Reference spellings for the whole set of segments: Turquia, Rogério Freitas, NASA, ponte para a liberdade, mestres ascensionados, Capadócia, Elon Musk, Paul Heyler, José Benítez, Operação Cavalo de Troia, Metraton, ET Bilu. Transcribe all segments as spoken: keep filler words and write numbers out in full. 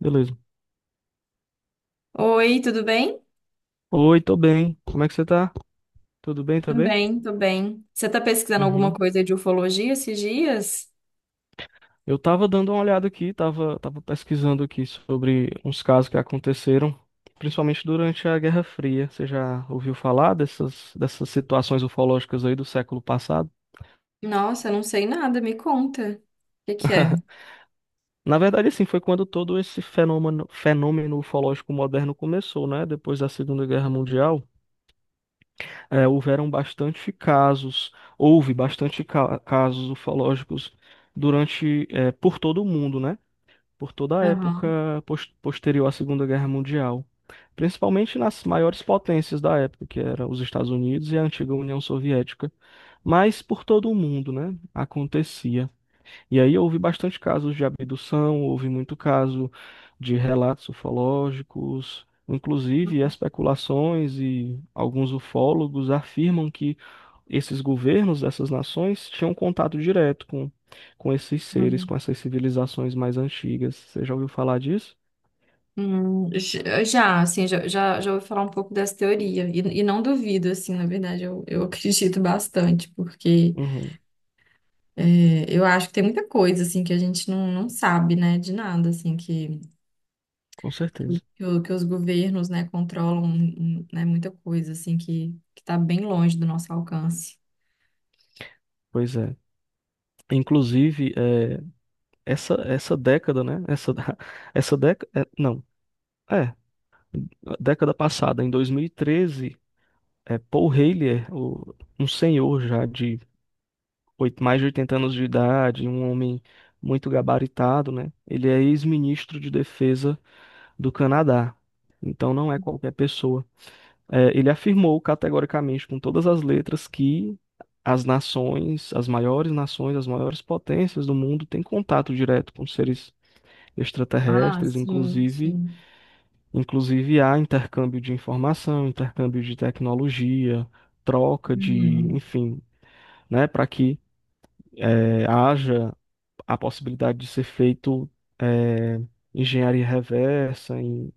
Beleza. Oi, tudo bem? Oi, tô bem. Como é que você tá? Tudo bem Tudo também? bem, tô bem. Você tá pesquisando alguma Uhum. coisa de ufologia esses dias? Eu tava dando uma olhada aqui, tava, tava pesquisando aqui sobre uns casos que aconteceram, principalmente durante a Guerra Fria. Você já ouviu falar dessas, dessas situações ufológicas aí do século passado? Nossa, eu não sei nada, me conta. O que que é? Na verdade, assim, foi quando todo esse fenômeno, fenômeno ufológico moderno começou, né? Depois da Segunda Guerra Mundial, eh, houveram bastante casos, houve bastante ca- casos ufológicos durante, eh, por todo o mundo, né? Por toda a Aham. época pos- posterior à Segunda Guerra Mundial, principalmente nas maiores potências da época, que eram os Estados Unidos e a antiga União Soviética, mas por todo o mundo, né? Acontecia. E aí houve bastante casos de abdução, houve muito caso de relatos ufológicos, inclusive especulações, e alguns ufólogos afirmam que esses governos dessas nações tinham contato direto com, com esses seres, com Hum, essas civilizações mais antigas. Você já ouviu falar disso? hum, j- já, assim, já, já, já ouvi falar um pouco dessa teoria. E, e não duvido, assim, na verdade, eu, eu acredito bastante, porque Uhum, é, eu acho que tem muita coisa, assim, que a gente não, não sabe, né, de nada, assim, que, com que, o- certeza. que o- que os governos, né, controlam, hum, né, muita coisa, assim, que, que tá bem longe do nosso alcance. Pois é. Inclusive, é, essa, essa década, né? Essa, essa década. Não, é. A década passada, em dois mil e treze, é, Paul Heyler, o- um senhor já de oit- mais de oitenta anos de idade, um homem muito gabaritado, né? Ele é ex-ministro de defesa do Canadá. Então não é qualquer pessoa. É, ele afirmou categoricamente, com todas as letras, que as nações, as maiores nações, as maiores potências do mundo têm contato direto com seres Ah, extraterrestres, sim, inclusive, sim. inclusive há intercâmbio de informação, intercâmbio de tecnologia, troca de, Uhum. enfim, né, para que eh, haja a possibilidade de ser feito, eh, engenharia reversa, em,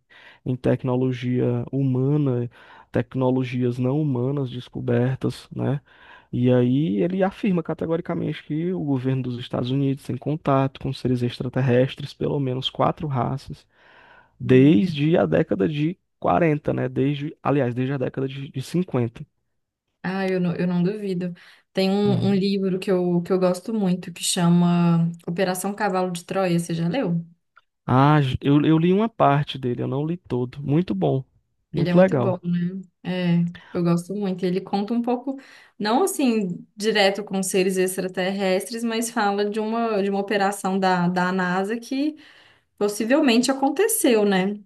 em tecnologia humana, tecnologias não humanas descobertas, né? E aí ele afirma categoricamente que o governo dos Estados Unidos tem contato com seres extraterrestres, pelo menos quatro raças, Hum. desde a década de quarenta, né? Desde, aliás, desde a década de, de cinquenta. Ah, eu não, eu não duvido. Tem um, um Uhum. livro que eu, que eu gosto muito que chama Operação Cavalo de Troia. Você já leu? Ah, eu, eu li uma parte dele, eu não li todo. Muito bom, Ele é muito muito bom, legal. né? É, eu gosto muito. Ele conta um pouco, não assim, direto com seres extraterrestres, mas fala de uma, de uma operação da, da NASA que possivelmente aconteceu, né?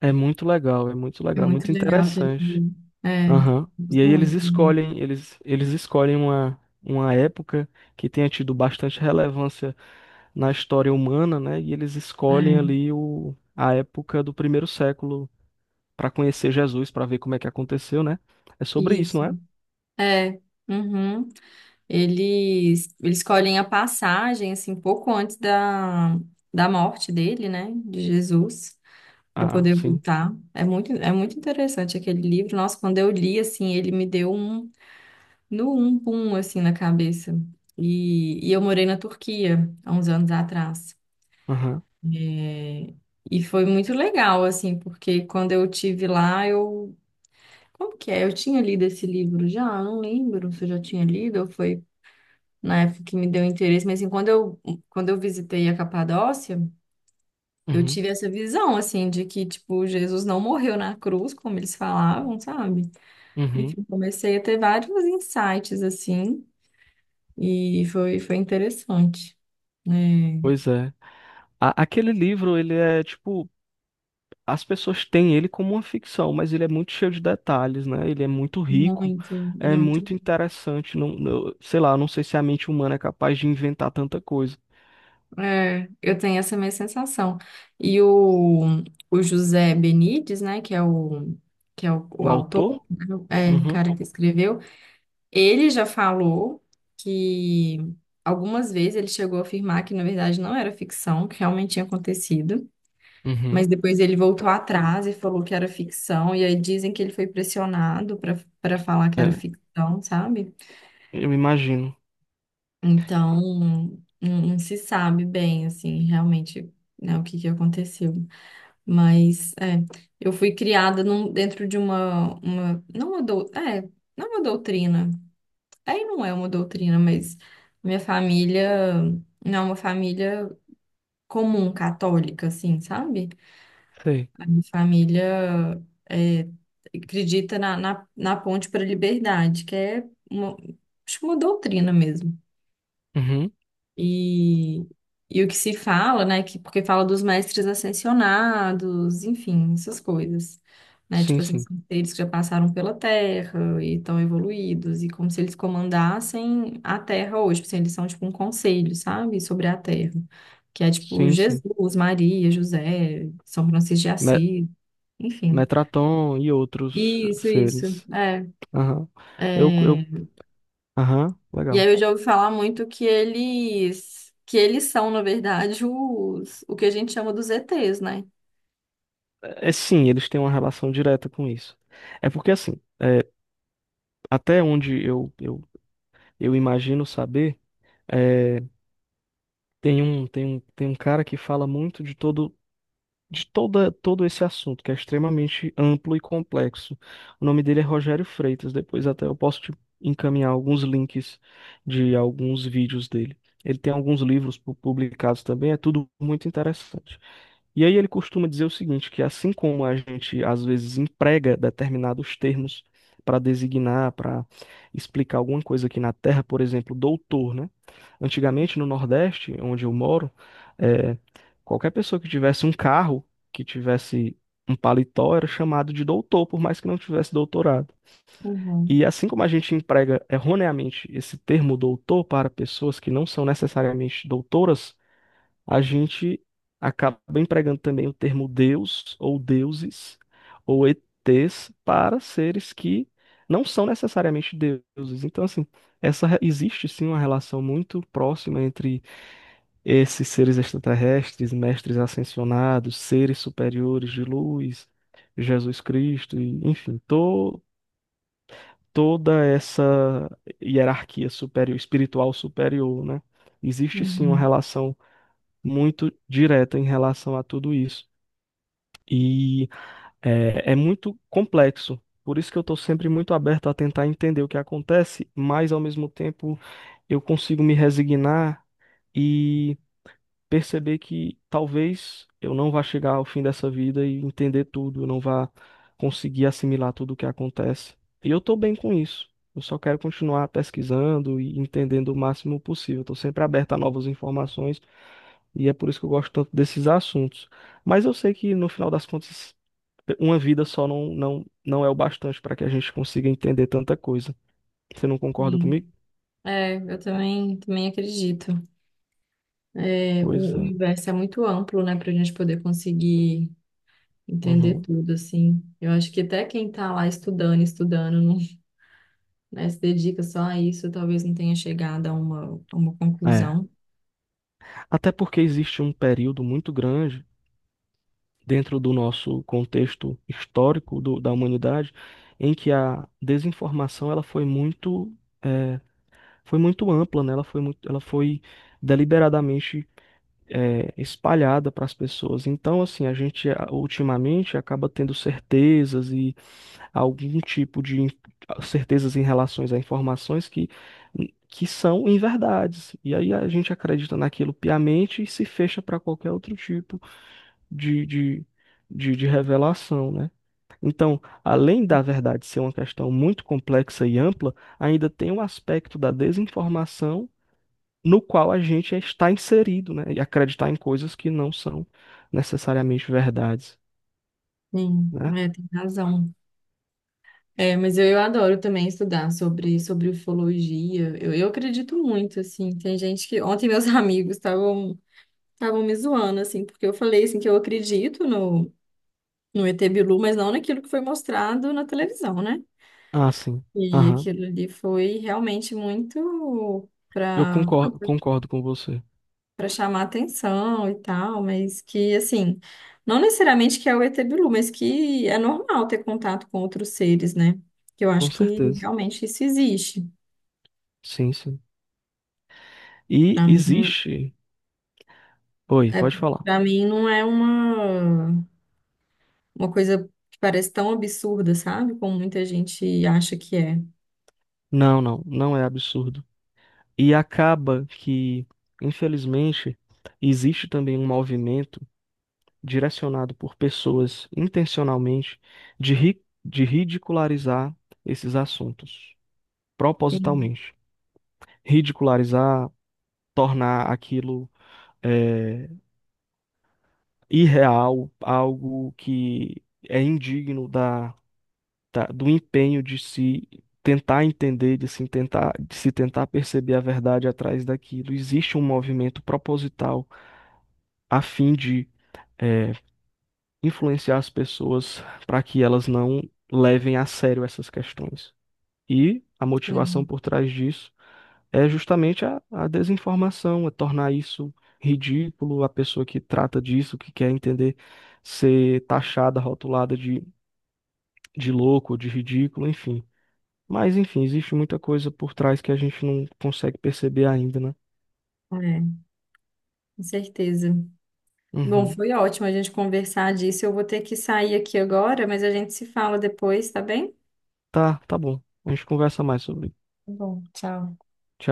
É muito legal, é muito É legal, muito muito legal aquele interessante. livro. É, Aham. E gosto aí eles muito também. escolhem, eles, eles escolhem uma, uma época que tenha tido bastante relevância na história humana, né? E eles escolhem É, ali o, a época do primeiro século para conhecer Jesus, para ver como é que aconteceu, né? É sobre isso, não isso. é? É. Uhum. Eles, eles escolhem a passagem, assim, pouco antes da, da morte dele, né, de Jesus, para Ah, poder sim. voltar. É muito, é muito interessante aquele livro. Nossa, quando eu li, assim, ele me deu um, no um pum, assim, na cabeça. E, e eu morei na Turquia, há uns anos atrás. Aham. É, e foi muito legal, assim, porque quando eu tive lá, eu... Como que é? Eu tinha lido esse livro já? Eu não lembro se eu já tinha lido ou foi na época que me deu interesse, mas assim, quando eu, quando eu visitei a Capadócia, eu Uhum. tive essa visão, assim, de que, tipo, Jesus não morreu na cruz, como eles falavam, sabe? Uhum. Enfim, comecei a ter vários insights, assim, e foi, foi interessante. É, Pois é. A- aquele livro, ele é tipo... As pessoas têm ele como uma ficção, mas ele é muito cheio de detalhes, né? Ele é muito rico, muito, ele é é muito muito. interessante. Não, não- sei lá, não sei se a mente humana é capaz de inventar tanta coisa. É, eu tenho essa minha sensação. E o, o José Benítez, né, que é o, que é o, o O autor, autor? né, é o Uhum, cara que escreveu. Ele já falou que algumas vezes ele chegou a afirmar que, na verdade, não era ficção, que realmente tinha acontecido, mas uhum. depois ele voltou atrás e falou que era ficção, e aí dizem que ele foi pressionado para para falar que era É, ficção, sabe? eu imagino. Então, não, não se sabe bem, assim, realmente, né, o que que aconteceu. Mas, é, eu fui criada num- dentro de uma, uma, não uma, dou- é, não uma doutrina. Aí não é uma doutrina, mas minha família não é uma família comum católica, assim, sabe? Sei. A minha família é, acredita na, na, na ponte para a liberdade, que é uma, acho que uma doutrina mesmo. Uhum. E, e o que se fala, né? Que, porque fala dos mestres ascensionados, enfim, essas coisas. Né? Tipo Sim, assim, sim. são seres que já passaram pela Terra e estão evoluídos, e como se eles comandassem a Terra hoje. Tipo assim, eles são tipo um conselho, sabe? Sobre a Terra. Que é tipo Sim, sim. Jesus, Maria, José, São Francisco de Me- Assis, enfim. Metraton e outros Isso, isso. seres. É, Aham. Eu, é. eu, aham, E aí legal. eu já ouvi falar muito que eles que eles são, na verdade, os o que a gente chama dos E Tês, né? É, é sim, eles têm uma relação direta com isso. É porque assim, é, até onde eu, eu, eu imagino saber. É, tem um, tem um, tem um cara que fala muito de todo, de toda, todo esse assunto, que é extremamente amplo e complexo. O nome dele é Rogério Freitas. Depois até eu posso te encaminhar alguns links de alguns vídeos dele. Ele tem alguns livros pu- publicados também, é tudo muito interessante. E aí ele costuma dizer o seguinte, que assim como a gente às vezes emprega determinados termos para designar, para explicar alguma coisa aqui na Terra, por exemplo, doutor, né? Antigamente no Nordeste, onde eu moro, eh, qualquer pessoa que tivesse um carro, que tivesse um paletó, era chamado de doutor, por mais que não tivesse doutorado. E Uhum, assim como a gente emprega erroneamente esse termo doutor para pessoas que não são necessariamente doutoras, a gente acaba empregando também o termo Deus ou deuses ou E Ts para seres que não são necessariamente deuses. Então, assim, essa re- existe sim uma relação muito próxima entre esses seres extraterrestres, mestres ascensionados, seres superiores de luz, Jesus Cristo, e, enfim, to- toda essa hierarquia superior, espiritual superior, né? Existe sim uma uhum, relação muito direta em relação a tudo isso. E é, é muito complexo. Por isso que eu estou sempre muito aberto a tentar entender o que acontece, mas ao mesmo tempo eu consigo me resignar e perceber que talvez eu não vá chegar ao fim dessa vida e entender tudo, eu não vá conseguir assimilar tudo o que acontece. E eu estou bem com isso. Eu só quero continuar pesquisando e entendendo o máximo possível. Estou sempre aberto a novas informações, e é por isso que eu gosto tanto desses assuntos. Mas eu sei que no final das contas, uma vida só não, não, não é o bastante para que a gente consiga entender tanta coisa. Você não concorda sim. comigo? É, eu também também acredito. É, Pois o é. universo é muito amplo, né, para a gente poder conseguir entender Uhum. tudo assim. Eu acho que até quem tá lá estudando, estudando, não, né, se dedica só a isso, talvez não tenha chegado a uma, a uma É. conclusão. Até porque existe um período muito grande dentro do nosso contexto histórico do- da humanidade em que a desinformação, ela foi muito, é, foi muito ampla, né? Ela foi muito, ela foi deliberadamente, é, espalhada para as pessoas. Então, assim, a gente a- ultimamente acaba tendo certezas e algum tipo de in- certezas em relação a informações que, que são inverdades. E aí a gente acredita naquilo piamente e se fecha para qualquer outro tipo de, de, de, de revelação, né? Então, além da verdade ser uma questão muito complexa e ampla, ainda tem o aspecto da desinformação no qual a gente está inserido, né? E acreditar em coisas que não são necessariamente verdades, Sim, né? é, tem razão. É, mas eu, eu adoro também estudar sobre, sobre ufologia. Eu, eu acredito muito, assim. Tem gente que. Ontem meus amigos estavam estavam me zoando, assim, porque eu falei assim que eu acredito no, no E Tê Bilu, mas não naquilo que foi mostrado na televisão, né? Ah, sim. E Aham. aquilo ali foi realmente muito Eu para concordo, concordo com você. para chamar atenção e tal, mas que assim, não necessariamente que é o E Tê Bilu, mas que é normal ter contato com outros seres, né? Que eu Com acho que certeza. realmente isso existe. Sim, sim. E Para mim, existe. Oi, é, pode falar. para mim não é uma, uma coisa que parece tão absurda, sabe? Como muita gente acha que é. Não, não, não é absurdo. E acaba que, infelizmente, existe também um movimento direcionado por pessoas intencionalmente de, ri... de ridicularizar esses assuntos, Sim, propositalmente. Ridicularizar, tornar aquilo, é, irreal, algo que é indigno da, da- do empenho de se tentar entender, de se tentar, de se tentar perceber a verdade atrás daquilo. Existe um movimento proposital a fim de, é, influenciar as pessoas para que elas não levem a sério essas questões. E a motivação sim, por trás disso é justamente a, a desinformação, é tornar isso ridículo, a pessoa que trata disso, que quer entender, ser taxada, rotulada de, de louco, de ridículo, enfim. Mas, enfim, existe muita coisa por trás que a gente não consegue perceber ainda, né? é, com certeza. Bom, Uhum. foi ótimo a gente conversar disso. Eu vou ter que sair aqui agora, mas a gente se fala depois, tá bem? Tá, Tá, tá bom. A gente conversa mais sobre. bom, tchau. Tchau.